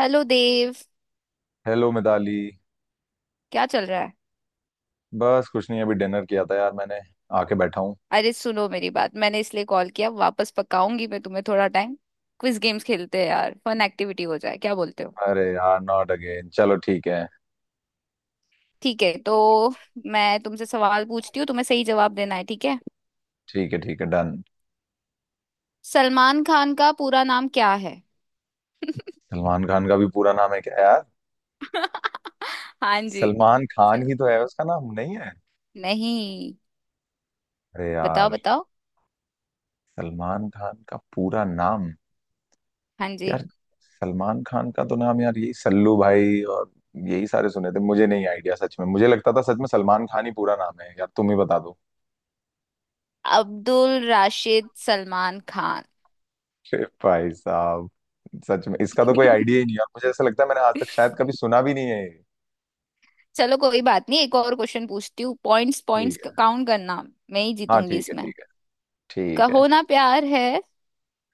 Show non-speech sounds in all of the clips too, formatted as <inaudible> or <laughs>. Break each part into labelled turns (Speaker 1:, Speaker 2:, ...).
Speaker 1: Hello Dev.
Speaker 2: Hello Mitali.
Speaker 1: क्या चल रहा है?
Speaker 2: बस कुछ नहीं, अभी डिनर किया था यार मैंने, आके बैठा हूँ।
Speaker 1: अरे सुनो मेरी बात, मैंने इसलिए कॉल किया, वापस पकाऊंगी मैं तुम्हें थोड़ा टाइम। क्विज गेम्स खेलते हैं यार, फन एक्टिविटी हो जाए, क्या बोलते हो?
Speaker 2: अरे यार, नॉट अगेन। चलो ठीक है।
Speaker 1: ठीक है तो मैं तुमसे सवाल पूछती हूँ, तुम्हें सही जवाब देना है, ठीक है?
Speaker 2: ठीक है ठीक है, डन।
Speaker 1: सलमान खान का पूरा नाम क्या है?
Speaker 2: सलमान खान का भी पूरा नाम है क्या यार?
Speaker 1: <laughs> हाँ जी।
Speaker 2: सलमान खान
Speaker 1: चल-
Speaker 2: ही तो है, उसका नाम नहीं है।
Speaker 1: नहीं,
Speaker 2: अरे
Speaker 1: बताओ
Speaker 2: यार!
Speaker 1: बताओ।
Speaker 2: सलमान खान का पूरा नाम।
Speaker 1: हाँ जी।
Speaker 2: यार। सलमान खान का तो नाम यार यही सल्लू भाई, और यही सारे सुने थे। मुझे नहीं आइडिया, सच में। मुझे लगता था सच में सलमान खान ही पूरा नाम है यार, तुम ही बता दो।
Speaker 1: अब्दुल राशिद सलमान खान।
Speaker 2: अरे भाई साहब! सच में इसका तो कोई आइडिया ही नहीं है,
Speaker 1: <laughs>
Speaker 2: और मुझे ऐसा लगता है मैंने आज तक शायद कभी सुना भी नहीं है ये।
Speaker 1: चलो कोई बात नहीं, एक और क्वेश्चन पूछती हूँ। पॉइंट्स पॉइंट्स
Speaker 2: ठीक है।
Speaker 1: काउंट करना। मैं ही
Speaker 2: हाँ
Speaker 1: जीतूंगी
Speaker 2: ठीक है,
Speaker 1: इसमें।
Speaker 2: ठीक है। ठीक है।
Speaker 1: कहो ना प्यार है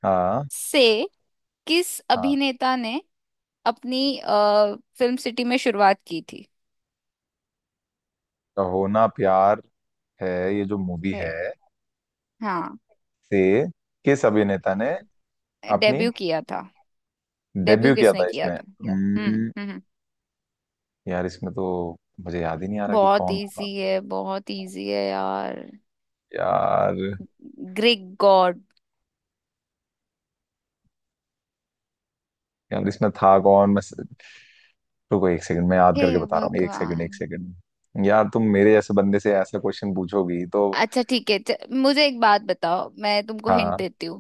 Speaker 2: हाँ।
Speaker 1: से किस
Speaker 2: हाँ।
Speaker 1: अभिनेता ने अपनी फिल्म सिटी में शुरुआत की थी?
Speaker 2: तो होना प्यार है, ये जो मूवी
Speaker 1: है।
Speaker 2: है,
Speaker 1: हाँ।
Speaker 2: से किस अभिनेता ने अपनी
Speaker 1: डेब्यू किया था, डेब्यू
Speaker 2: डेब्यू किया
Speaker 1: किसने
Speaker 2: था
Speaker 1: किया
Speaker 2: इसमें
Speaker 1: था? हम्म हम्म हम्म।
Speaker 2: यार इसमें तो मुझे याद ही नहीं आ रहा कि
Speaker 1: बहुत
Speaker 2: कौन था।
Speaker 1: इजी है, बहुत इजी है यार।
Speaker 2: यार।
Speaker 1: Greek God.
Speaker 2: यार इसमें था कौन, मैं रुको, एक सेकंड। मैं याद
Speaker 1: हे
Speaker 2: करके बता रहा हूँ, एक सेकंड एक
Speaker 1: भगवान।
Speaker 2: सेकंड। यार तुम मेरे जैसे बंदे से ऐसा क्वेश्चन पूछोगी तो।
Speaker 1: अच्छा ठीक है, मुझे एक बात बताओ, मैं तुमको हिंट
Speaker 2: हाँ।
Speaker 1: देती हूँ।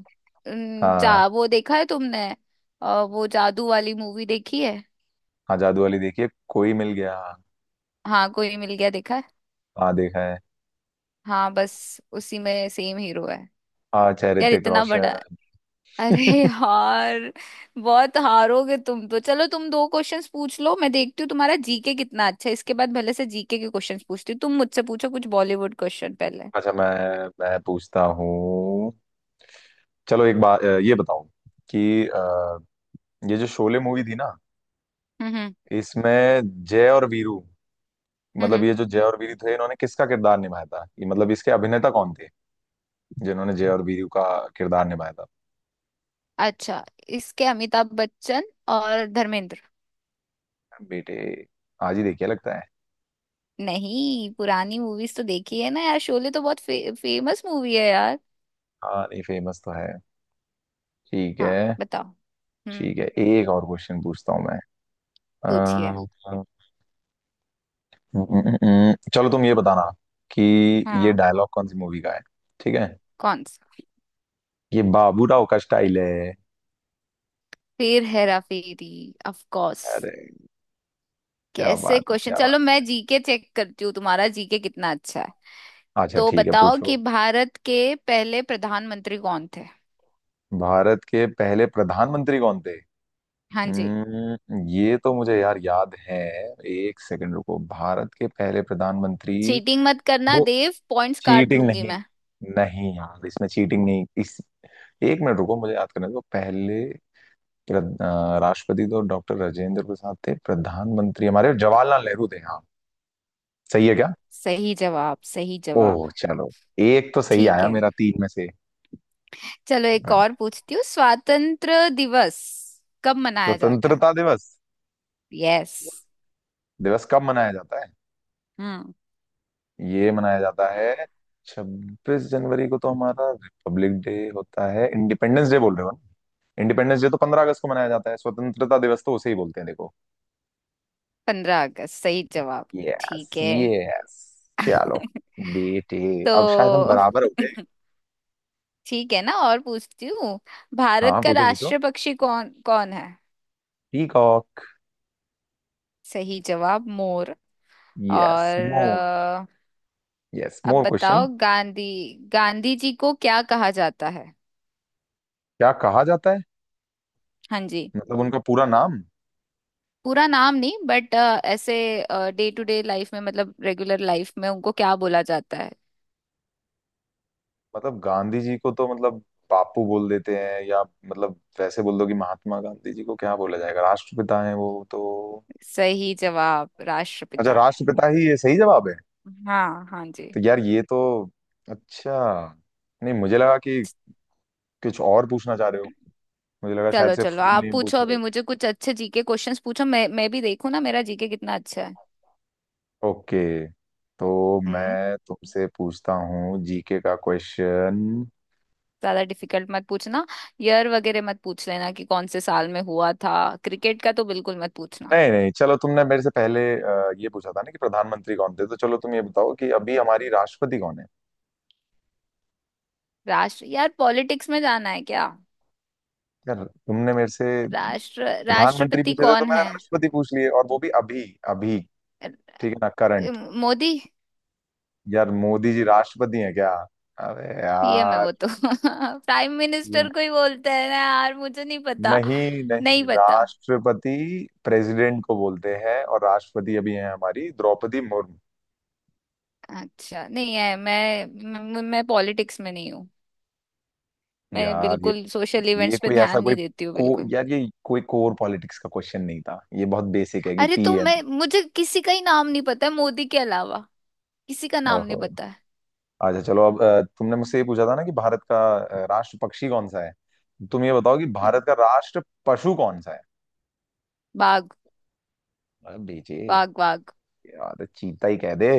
Speaker 2: हाँ।
Speaker 1: जा वो देखा है तुमने? वो जादू वाली मूवी देखी है?
Speaker 2: हाँ, जादू वाली देखिए, कोई मिल गया।
Speaker 1: हाँ कोई मिल गया देखा है।
Speaker 2: हाँ देखा है।
Speaker 1: हाँ बस उसी में सेम हीरो है।
Speaker 2: अच्छा,
Speaker 1: यार
Speaker 2: ऋतिक
Speaker 1: इतना बड़ा <laughs> है।
Speaker 2: रोशन।
Speaker 1: अरे
Speaker 2: <laughs>
Speaker 1: यार, बहुत हारोगे तुम तो। चलो तुम दो क्वेश्चंस पूछ लो, मैं देखती हूँ तुम्हारा जीके कितना अच्छा है। इसके बाद भले से जीके के क्वेश्चंस पूछती हूँ। तुम मुझसे पूछो कुछ बॉलीवुड क्वेश्चन पहले।
Speaker 2: अच्छा, मैं पूछता हूँ। चलो एक बात ये बताओ कि ये जो शोले मूवी थी ना,
Speaker 1: हम्म हम्म
Speaker 2: इसमें जय और वीरू, मतलब
Speaker 1: हम्म।
Speaker 2: ये जो जय और वीरू थे, इन्होंने किसका किरदार निभाया था, ये मतलब इसके अभिनेता कौन थे जिन्होंने जय और वीरू का किरदार निभाया था?
Speaker 1: अच्छा, इसके अमिताभ बच्चन और धर्मेंद्र।
Speaker 2: बेटे आज ही देखिए लगता है।
Speaker 1: नहीं पुरानी मूवीज तो देखी है ना यार, शोले तो बहुत फेमस मूवी है यार।
Speaker 2: हाँ नहीं, फेमस तो है। ठीक
Speaker 1: हाँ
Speaker 2: है।
Speaker 1: बताओ। हम्म।
Speaker 2: ठीक है, एक और क्वेश्चन पूछता हूँ मैं।
Speaker 1: पूछिए।
Speaker 2: चलो तुम ये बताना कि ये
Speaker 1: हाँ।
Speaker 2: डायलॉग कौन सी मूवी का है। ठीक है।
Speaker 1: कौन सा?
Speaker 2: ये बाबूराव का स्टाइल है।
Speaker 1: फिर हेरा फेरी ऑफ कोर्स।
Speaker 2: अरे! क्या
Speaker 1: कैसे
Speaker 2: बात है,
Speaker 1: क्वेश्चन!
Speaker 2: क्या बात!
Speaker 1: चलो मैं जीके चेक करती हूँ, तुम्हारा जीके कितना अच्छा है।
Speaker 2: अच्छा
Speaker 1: तो
Speaker 2: ठीक है,
Speaker 1: बताओ
Speaker 2: पूछो।
Speaker 1: कि भारत के पहले प्रधानमंत्री कौन थे?
Speaker 2: भारत के पहले प्रधानमंत्री कौन थे?
Speaker 1: हाँ जी।
Speaker 2: ये तो मुझे यार याद है। एक सेकंड रुको, भारत के पहले प्रधानमंत्री।
Speaker 1: चीटिंग मत करना
Speaker 2: वो,
Speaker 1: देव, पॉइंट्स काट
Speaker 2: चीटिंग
Speaker 1: लूंगी
Speaker 2: नहीं।
Speaker 1: मैं।
Speaker 2: नहीं यार, इसमें चीटिंग नहीं। इस, एक मिनट रुको मुझे याद करने दो पहले। राष्ट्रपति तो डॉक्टर राजेंद्र प्रसाद थे, प्रधानमंत्री हमारे जवाहरलाल नेहरू थे। हाँ, सही है क्या?
Speaker 1: सही जवाब, सही जवाब।
Speaker 2: ओह चलो, एक तो सही
Speaker 1: ठीक
Speaker 2: आया
Speaker 1: है,
Speaker 2: मेरा तीन में से।
Speaker 1: चलो एक और पूछती हूँ। स्वातंत्र दिवस कब मनाया जाता है?
Speaker 2: स्वतंत्रता दिवस,
Speaker 1: यस।
Speaker 2: दिवस कब मनाया जाता है?
Speaker 1: हम्म।
Speaker 2: ये मनाया जाता है, 26 जनवरी को तो हमारा रिपब्लिक डे होता है। इंडिपेंडेंस डे बोल रहे हो ना? इंडिपेंडेंस डे तो 15 अगस्त को मनाया जाता है। स्वतंत्रता दिवस तो उसे ही बोलते हैं, देखो।
Speaker 1: 15 अगस्त, सही जवाब। ठीक
Speaker 2: यस
Speaker 1: है।
Speaker 2: यस। चलो बेटे, अब शायद हम
Speaker 1: तो
Speaker 2: बराबर हो गए।
Speaker 1: <laughs> ठीक है ना, और पूछती हूँ। भारत
Speaker 2: हाँ
Speaker 1: का
Speaker 2: पूछो पूछो।
Speaker 1: राष्ट्रीय पक्षी कौन कौन है?
Speaker 2: पीकॉक।
Speaker 1: सही जवाब, मोर।
Speaker 2: यस,
Speaker 1: और
Speaker 2: मोर। यस,
Speaker 1: अब
Speaker 2: मोर क्वेश्चन।
Speaker 1: बताओ, गांधी, गांधी जी को क्या कहा जाता है?
Speaker 2: क्या कहा जाता है?
Speaker 1: हाँ जी।
Speaker 2: मतलब उनका पूरा नाम?
Speaker 1: पूरा नाम नहीं, बट ऐसे डे टू डे लाइफ में, मतलब रेगुलर लाइफ में उनको क्या बोला जाता है?
Speaker 2: मतलब गांधी जी को तो मतलब बापू बोल देते हैं, या मतलब वैसे बोल दो, कि महात्मा गांधी जी को क्या बोला जाएगा, राष्ट्रपिता है वो तो।
Speaker 1: सही जवाब,
Speaker 2: अच्छा,
Speaker 1: राष्ट्रपिता।
Speaker 2: राष्ट्रपिता ही ये सही जवाब है।
Speaker 1: हाँ हाँ जी।
Speaker 2: तो यार ये तो, अच्छा, नहीं मुझे लगा कि कुछ और पूछना चाह रहे हो। मुझे लगा शायद
Speaker 1: चलो
Speaker 2: से
Speaker 1: चलो
Speaker 2: फुल
Speaker 1: आप
Speaker 2: नेम पूछ
Speaker 1: पूछो,
Speaker 2: रहे
Speaker 1: अभी
Speaker 2: हो।
Speaker 1: मुझे कुछ अच्छे जीके क्वेश्चंस पूछो, मैं भी देखूँ ना मेरा जीके कितना अच्छा है।
Speaker 2: ओके, तो
Speaker 1: हम्म।
Speaker 2: मैं तुमसे पूछता हूँ जीके का क्वेश्चन।
Speaker 1: ज्यादा डिफिकल्ट मत पूछना। ईयर वगैरह मत पूछ लेना कि कौन से साल में हुआ था। क्रिकेट का तो बिल्कुल मत पूछना।
Speaker 2: नहीं नहीं, चलो तुमने मेरे से पहले ये पूछा था ना कि प्रधानमंत्री कौन थे, तो चलो तुम ये बताओ कि अभी हमारी राष्ट्रपति कौन है।
Speaker 1: राष्ट्र, यार पॉलिटिक्स में जाना है क्या?
Speaker 2: यार तुमने मेरे से प्रधानमंत्री
Speaker 1: राष्ट्रपति
Speaker 2: पूछे थे, तो
Speaker 1: कौन
Speaker 2: मैंने
Speaker 1: है?
Speaker 2: राष्ट्रपति पूछ लिए, और वो भी अभी अभी।
Speaker 1: अ,
Speaker 2: ठीक है ना, करंट।
Speaker 1: मोदी।
Speaker 2: यार मोदी जी राष्ट्रपति हैं क्या? अरे
Speaker 1: पीएम है
Speaker 2: यार!
Speaker 1: वो तो। <laughs> प्राइम
Speaker 2: ये,
Speaker 1: मिनिस्टर को ही बोलते हैं ना यार, मुझे नहीं पता।
Speaker 2: नहीं
Speaker 1: नहीं
Speaker 2: नहीं,
Speaker 1: पता।
Speaker 2: राष्ट्रपति प्रेसिडेंट को बोलते हैं, और राष्ट्रपति अभी हैं हमारी द्रौपदी मुर्मू।
Speaker 1: अच्छा नहीं है, मैं पॉलिटिक्स में नहीं हूँ। मैं
Speaker 2: यार ये
Speaker 1: बिल्कुल सोशल
Speaker 2: ये
Speaker 1: इवेंट्स पे
Speaker 2: कोई ऐसा
Speaker 1: ध्यान
Speaker 2: कोई,
Speaker 1: नहीं देती हूँ
Speaker 2: को
Speaker 1: बिल्कुल।
Speaker 2: यार ये कोई कोर पॉलिटिक्स का क्वेश्चन नहीं था, ये बहुत बेसिक है कि
Speaker 1: अरे तो
Speaker 2: पीएम।
Speaker 1: मैं, मुझे किसी का ही नाम नहीं पता है मोदी के अलावा। किसी का नाम नहीं
Speaker 2: ओहो।
Speaker 1: पता है।
Speaker 2: अच्छा चलो अब तुमने मुझसे ये पूछा था ना कि भारत का राष्ट्र पक्षी कौन सा है। तुम ये बताओ कि भारत का राष्ट्र पशु कौन सा है।
Speaker 1: बाघ,
Speaker 2: अरे बेचे!
Speaker 1: बाघ, बाघ।
Speaker 2: यार तो चीता ही कह दे।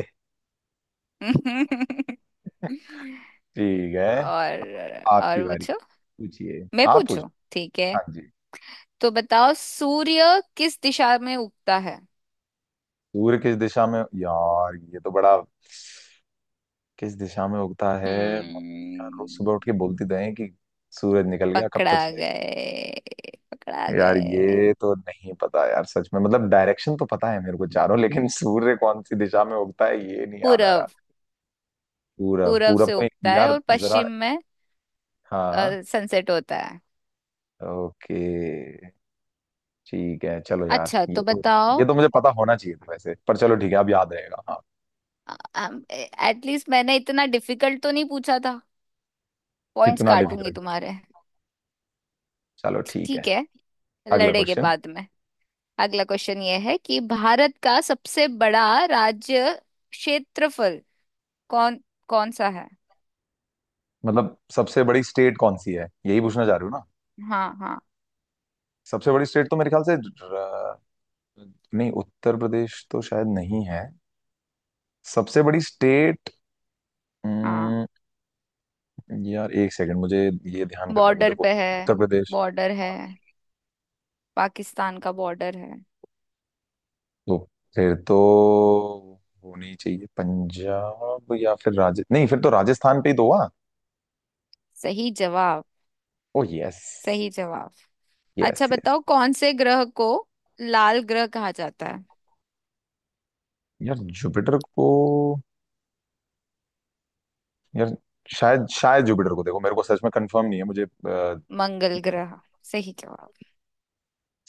Speaker 1: <laughs>
Speaker 2: ठीक है। आपकी
Speaker 1: और
Speaker 2: बारी।
Speaker 1: पूछो।
Speaker 2: पूछिए।
Speaker 1: मैं
Speaker 2: आप पूछो।
Speaker 1: पूछू? ठीक है,
Speaker 2: हाँ जी।
Speaker 1: तो बताओ सूर्य किस दिशा में उगता है?
Speaker 2: सूर्य किस दिशा में, यार ये तो बड़ा, किस दिशा में उगता है? यार
Speaker 1: हम्म।
Speaker 2: रोज सुबह उठ के बोलती तो है कि सूरज निकल गया, कब तक
Speaker 1: पकड़ा
Speaker 2: सोएगी।
Speaker 1: गए, पकड़ा
Speaker 2: यार
Speaker 1: गए।
Speaker 2: ये तो नहीं पता यार, सच में। मतलब डायरेक्शन तो पता है मेरे को चारों, लेकिन सूर्य कौन सी दिशा में उगता है ये नहीं याद आ रहा।
Speaker 1: पूरब।
Speaker 2: पूरब,
Speaker 1: पूरब
Speaker 2: पूरब
Speaker 1: से
Speaker 2: को?
Speaker 1: उगता है
Speaker 2: यार
Speaker 1: और
Speaker 2: जरा,
Speaker 1: पश्चिम में
Speaker 2: हाँ,
Speaker 1: सनसेट होता है।
Speaker 2: ओके, ठीक है। चलो यार,
Speaker 1: अच्छा
Speaker 2: ये
Speaker 1: तो
Speaker 2: तो, ये
Speaker 1: बताओ,
Speaker 2: तो मुझे पता होना चाहिए था वैसे। पर चलो ठीक है, अब याद रहेगा, हाँ।
Speaker 1: एटलीस्ट मैंने इतना डिफिकल्ट तो नहीं पूछा था। पॉइंट्स
Speaker 2: कितना
Speaker 1: काटूंगी
Speaker 2: डिफिकल्ट?
Speaker 1: तुम्हारे।
Speaker 2: चलो ठीक है।
Speaker 1: ठीक है,
Speaker 2: अगला
Speaker 1: लड़ेंगे
Speaker 2: क्वेश्चन।
Speaker 1: बाद में। अगला क्वेश्चन ये है कि भारत का सबसे बड़ा राज्य, क्षेत्रफल, कौन, कौन सा है?
Speaker 2: मतलब सबसे बड़ी स्टेट कौन सी है, यही पूछना चाह रहे हो ना?
Speaker 1: हाँ हाँ।
Speaker 2: सबसे बड़ी स्टेट तो मेरे ख्याल से नहीं, उत्तर प्रदेश तो शायद नहीं है। सबसे बड़ी स्टेट।
Speaker 1: हाँ
Speaker 2: यार एक सेकंड मुझे ये ध्यान करने दो,
Speaker 1: बॉर्डर
Speaker 2: देखो।
Speaker 1: पे है,
Speaker 2: उत्तर प्रदेश,
Speaker 1: बॉर्डर है, पाकिस्तान का बॉर्डर है।
Speaker 2: तो फिर तो, होनी चाहिए पंजाब या फिर राज नहीं, फिर तो राजस्थान पे ही तो हुआ।
Speaker 1: सही जवाब,
Speaker 2: ओ यस!
Speaker 1: सही जवाब।
Speaker 2: यस
Speaker 1: अच्छा
Speaker 2: यस।
Speaker 1: बताओ, कौन से ग्रह को लाल ग्रह कहा जाता है?
Speaker 2: यार जुपिटर को। यार, शायद शायद जुपिटर को। देखो मेरे को सच में कंफर्म नहीं है मुझे
Speaker 1: मंगल ग्रह, सही जवाब।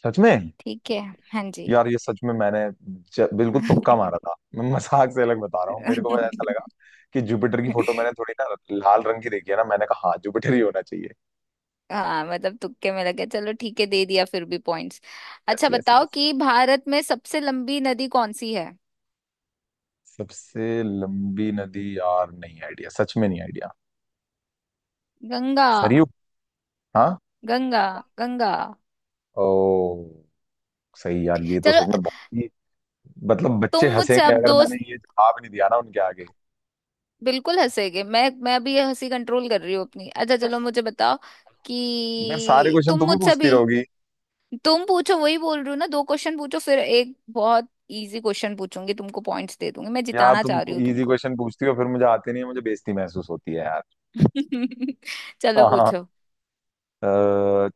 Speaker 2: सच में?
Speaker 1: ठीक है। हाँ जी।
Speaker 2: यार ये सच में मैंने बिल्कुल तुक्का मारा था। मैं मजाक से अलग बता रहा हूँ, मेरे को बस ऐसा लगा
Speaker 1: <laughs>
Speaker 2: कि जुपिटर की फोटो मैंने थोड़ी ना लाल रंग की देखी है ना, मैंने कहा हाँ जुपिटर ही होना चाहिए।
Speaker 1: हाँ मतलब तुक्के में लगे, चलो ठीक है दे दिया फिर भी पॉइंट्स।
Speaker 2: यस
Speaker 1: अच्छा
Speaker 2: यस
Speaker 1: बताओ
Speaker 2: यस।
Speaker 1: कि भारत में सबसे लंबी नदी कौन सी है?
Speaker 2: सबसे लंबी नदी, यार नहीं आइडिया, सच में नहीं आइडिया।
Speaker 1: गंगा,
Speaker 2: सरयू? हाँ।
Speaker 1: गंगा, गंगा।
Speaker 2: ओ, सही। यार ये तो
Speaker 1: चलो
Speaker 2: सच में बहुत ही, मतलब बच्चे
Speaker 1: तुम मुझसे
Speaker 2: हंसेंगे
Speaker 1: अब
Speaker 2: अगर मैंने
Speaker 1: दोस्त
Speaker 2: ये जवाब नहीं दिया ना उनके आगे।
Speaker 1: बिल्कुल हंसेगे, मैं भी हंसी कंट्रोल कर रही हूँ अपनी। अच्छा चलो मुझे बताओ
Speaker 2: यार सारे
Speaker 1: कि
Speaker 2: क्वेश्चन
Speaker 1: तुम
Speaker 2: तुम ही
Speaker 1: मुझसे
Speaker 2: पूछती
Speaker 1: भी,
Speaker 2: रहोगी?
Speaker 1: तुम पूछो, वही बोल रही हूँ ना, दो क्वेश्चन पूछो, फिर एक बहुत इजी क्वेश्चन पूछूंगी तुमको, पॉइंट्स दे दूंगी, मैं
Speaker 2: यार
Speaker 1: जिताना
Speaker 2: तुम
Speaker 1: चाह रही हूँ
Speaker 2: इजी
Speaker 1: तुमको।
Speaker 2: क्वेश्चन पूछती हो, फिर मुझे आते नहीं है, मुझे बेइज्जती महसूस होती है यार।
Speaker 1: <laughs> चलो पूछो।
Speaker 2: <laughs> अ,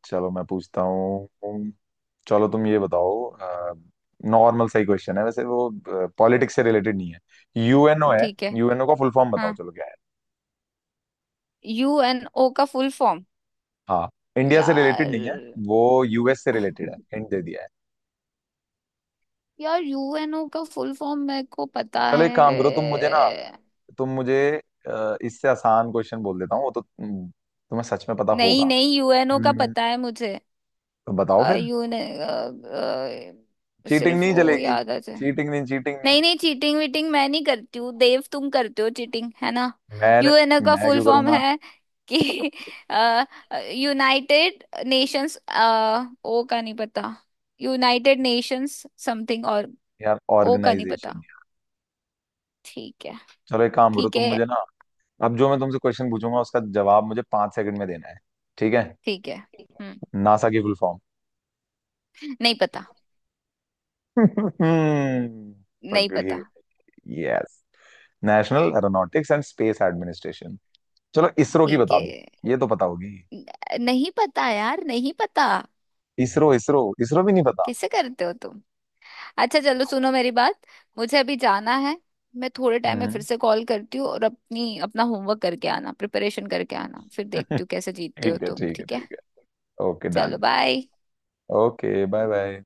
Speaker 2: चलो मैं पूछता हूँ। चलो तुम ये बताओ। नॉर्मल सही क्वेश्चन है वैसे वो, पॉलिटिक्स से रिलेटेड नहीं है। यूएनओ है।
Speaker 1: ठीक है।
Speaker 2: यूएनओ का फुल फॉर्म बताओ,
Speaker 1: हाँ।
Speaker 2: चलो क्या है?
Speaker 1: यू एन ओ का फुल फॉर्म?
Speaker 2: हाँ, इंडिया से रिलेटेड नहीं है।
Speaker 1: यार,
Speaker 2: वो यूएस से रिलेटेड है, हिंट दे दिया है।
Speaker 1: यार यूएनओ का फुल फॉर्म मेरे को पता
Speaker 2: चलो एक काम करो, तुम मुझे ना,
Speaker 1: है।
Speaker 2: तुम मुझे इससे आसान क्वेश्चन बोल देता हूँ वो, तो तुम्हें सच में पता
Speaker 1: नहीं
Speaker 2: होगा।
Speaker 1: नहीं, यूएनओ का
Speaker 2: हम्म,
Speaker 1: पता है मुझे।
Speaker 2: तो बताओ
Speaker 1: अ,
Speaker 2: फिर।
Speaker 1: यू ने अ, अ,
Speaker 2: चीटिंग
Speaker 1: सिर्फ
Speaker 2: नहीं
Speaker 1: वो
Speaker 2: चलेगी।
Speaker 1: याद आ जाए।
Speaker 2: चीटिंग नहीं, चीटिंग नहीं।
Speaker 1: नहीं नहीं, चीटिंग वीटिंग मैं नहीं करती हूँ देव, तुम करते हो चीटिंग है ना।
Speaker 2: मैंने,
Speaker 1: यूएनओ का
Speaker 2: मैं
Speaker 1: फुल
Speaker 2: क्यों
Speaker 1: फॉर्म
Speaker 2: करूंगा?
Speaker 1: है कि यूनाइटेड नेशंस, ओ का नहीं पता। यूनाइटेड नेशंस समथिंग और
Speaker 2: यार
Speaker 1: ओ का नहीं पता।
Speaker 2: ऑर्गेनाइजेशन।
Speaker 1: ठीक है।
Speaker 2: चलो एक काम करो,
Speaker 1: ठीक
Speaker 2: तुम
Speaker 1: है
Speaker 2: मुझे ना, अब जो मैं तुमसे क्वेश्चन पूछूंगा उसका जवाब मुझे 5 सेकंड में देना है। ठीक है।
Speaker 1: ठीक है। हम्म।
Speaker 2: नासा की फुल फॉर्म?
Speaker 1: नहीं पता।
Speaker 2: <laughs>
Speaker 1: नहीं पता।
Speaker 2: पकड़िए! Yes, national aeronautics and space administration. <laughs> चलो इसरो की
Speaker 1: ठीक
Speaker 2: बता
Speaker 1: है।
Speaker 2: दो, ये तो पता होगी।
Speaker 1: नहीं पता यार, नहीं पता।
Speaker 2: इसरो, इसरो इसरो भी नहीं पता?
Speaker 1: कैसे करते हो तुम! अच्छा चलो सुनो मेरी बात, मुझे अभी जाना है। मैं थोड़े टाइम में फिर
Speaker 2: हम्म।
Speaker 1: से कॉल करती हूँ, और अपनी अपना होमवर्क करके आना, प्रिपरेशन करके आना, फिर
Speaker 2: <laughs>
Speaker 1: देखती हूँ कैसे जीतते हो
Speaker 2: ठीक है
Speaker 1: तुम,
Speaker 2: ठीक है
Speaker 1: ठीक है?
Speaker 2: ठीक है। ओके
Speaker 1: चलो
Speaker 2: done.
Speaker 1: Bye.
Speaker 2: Okay bye bye.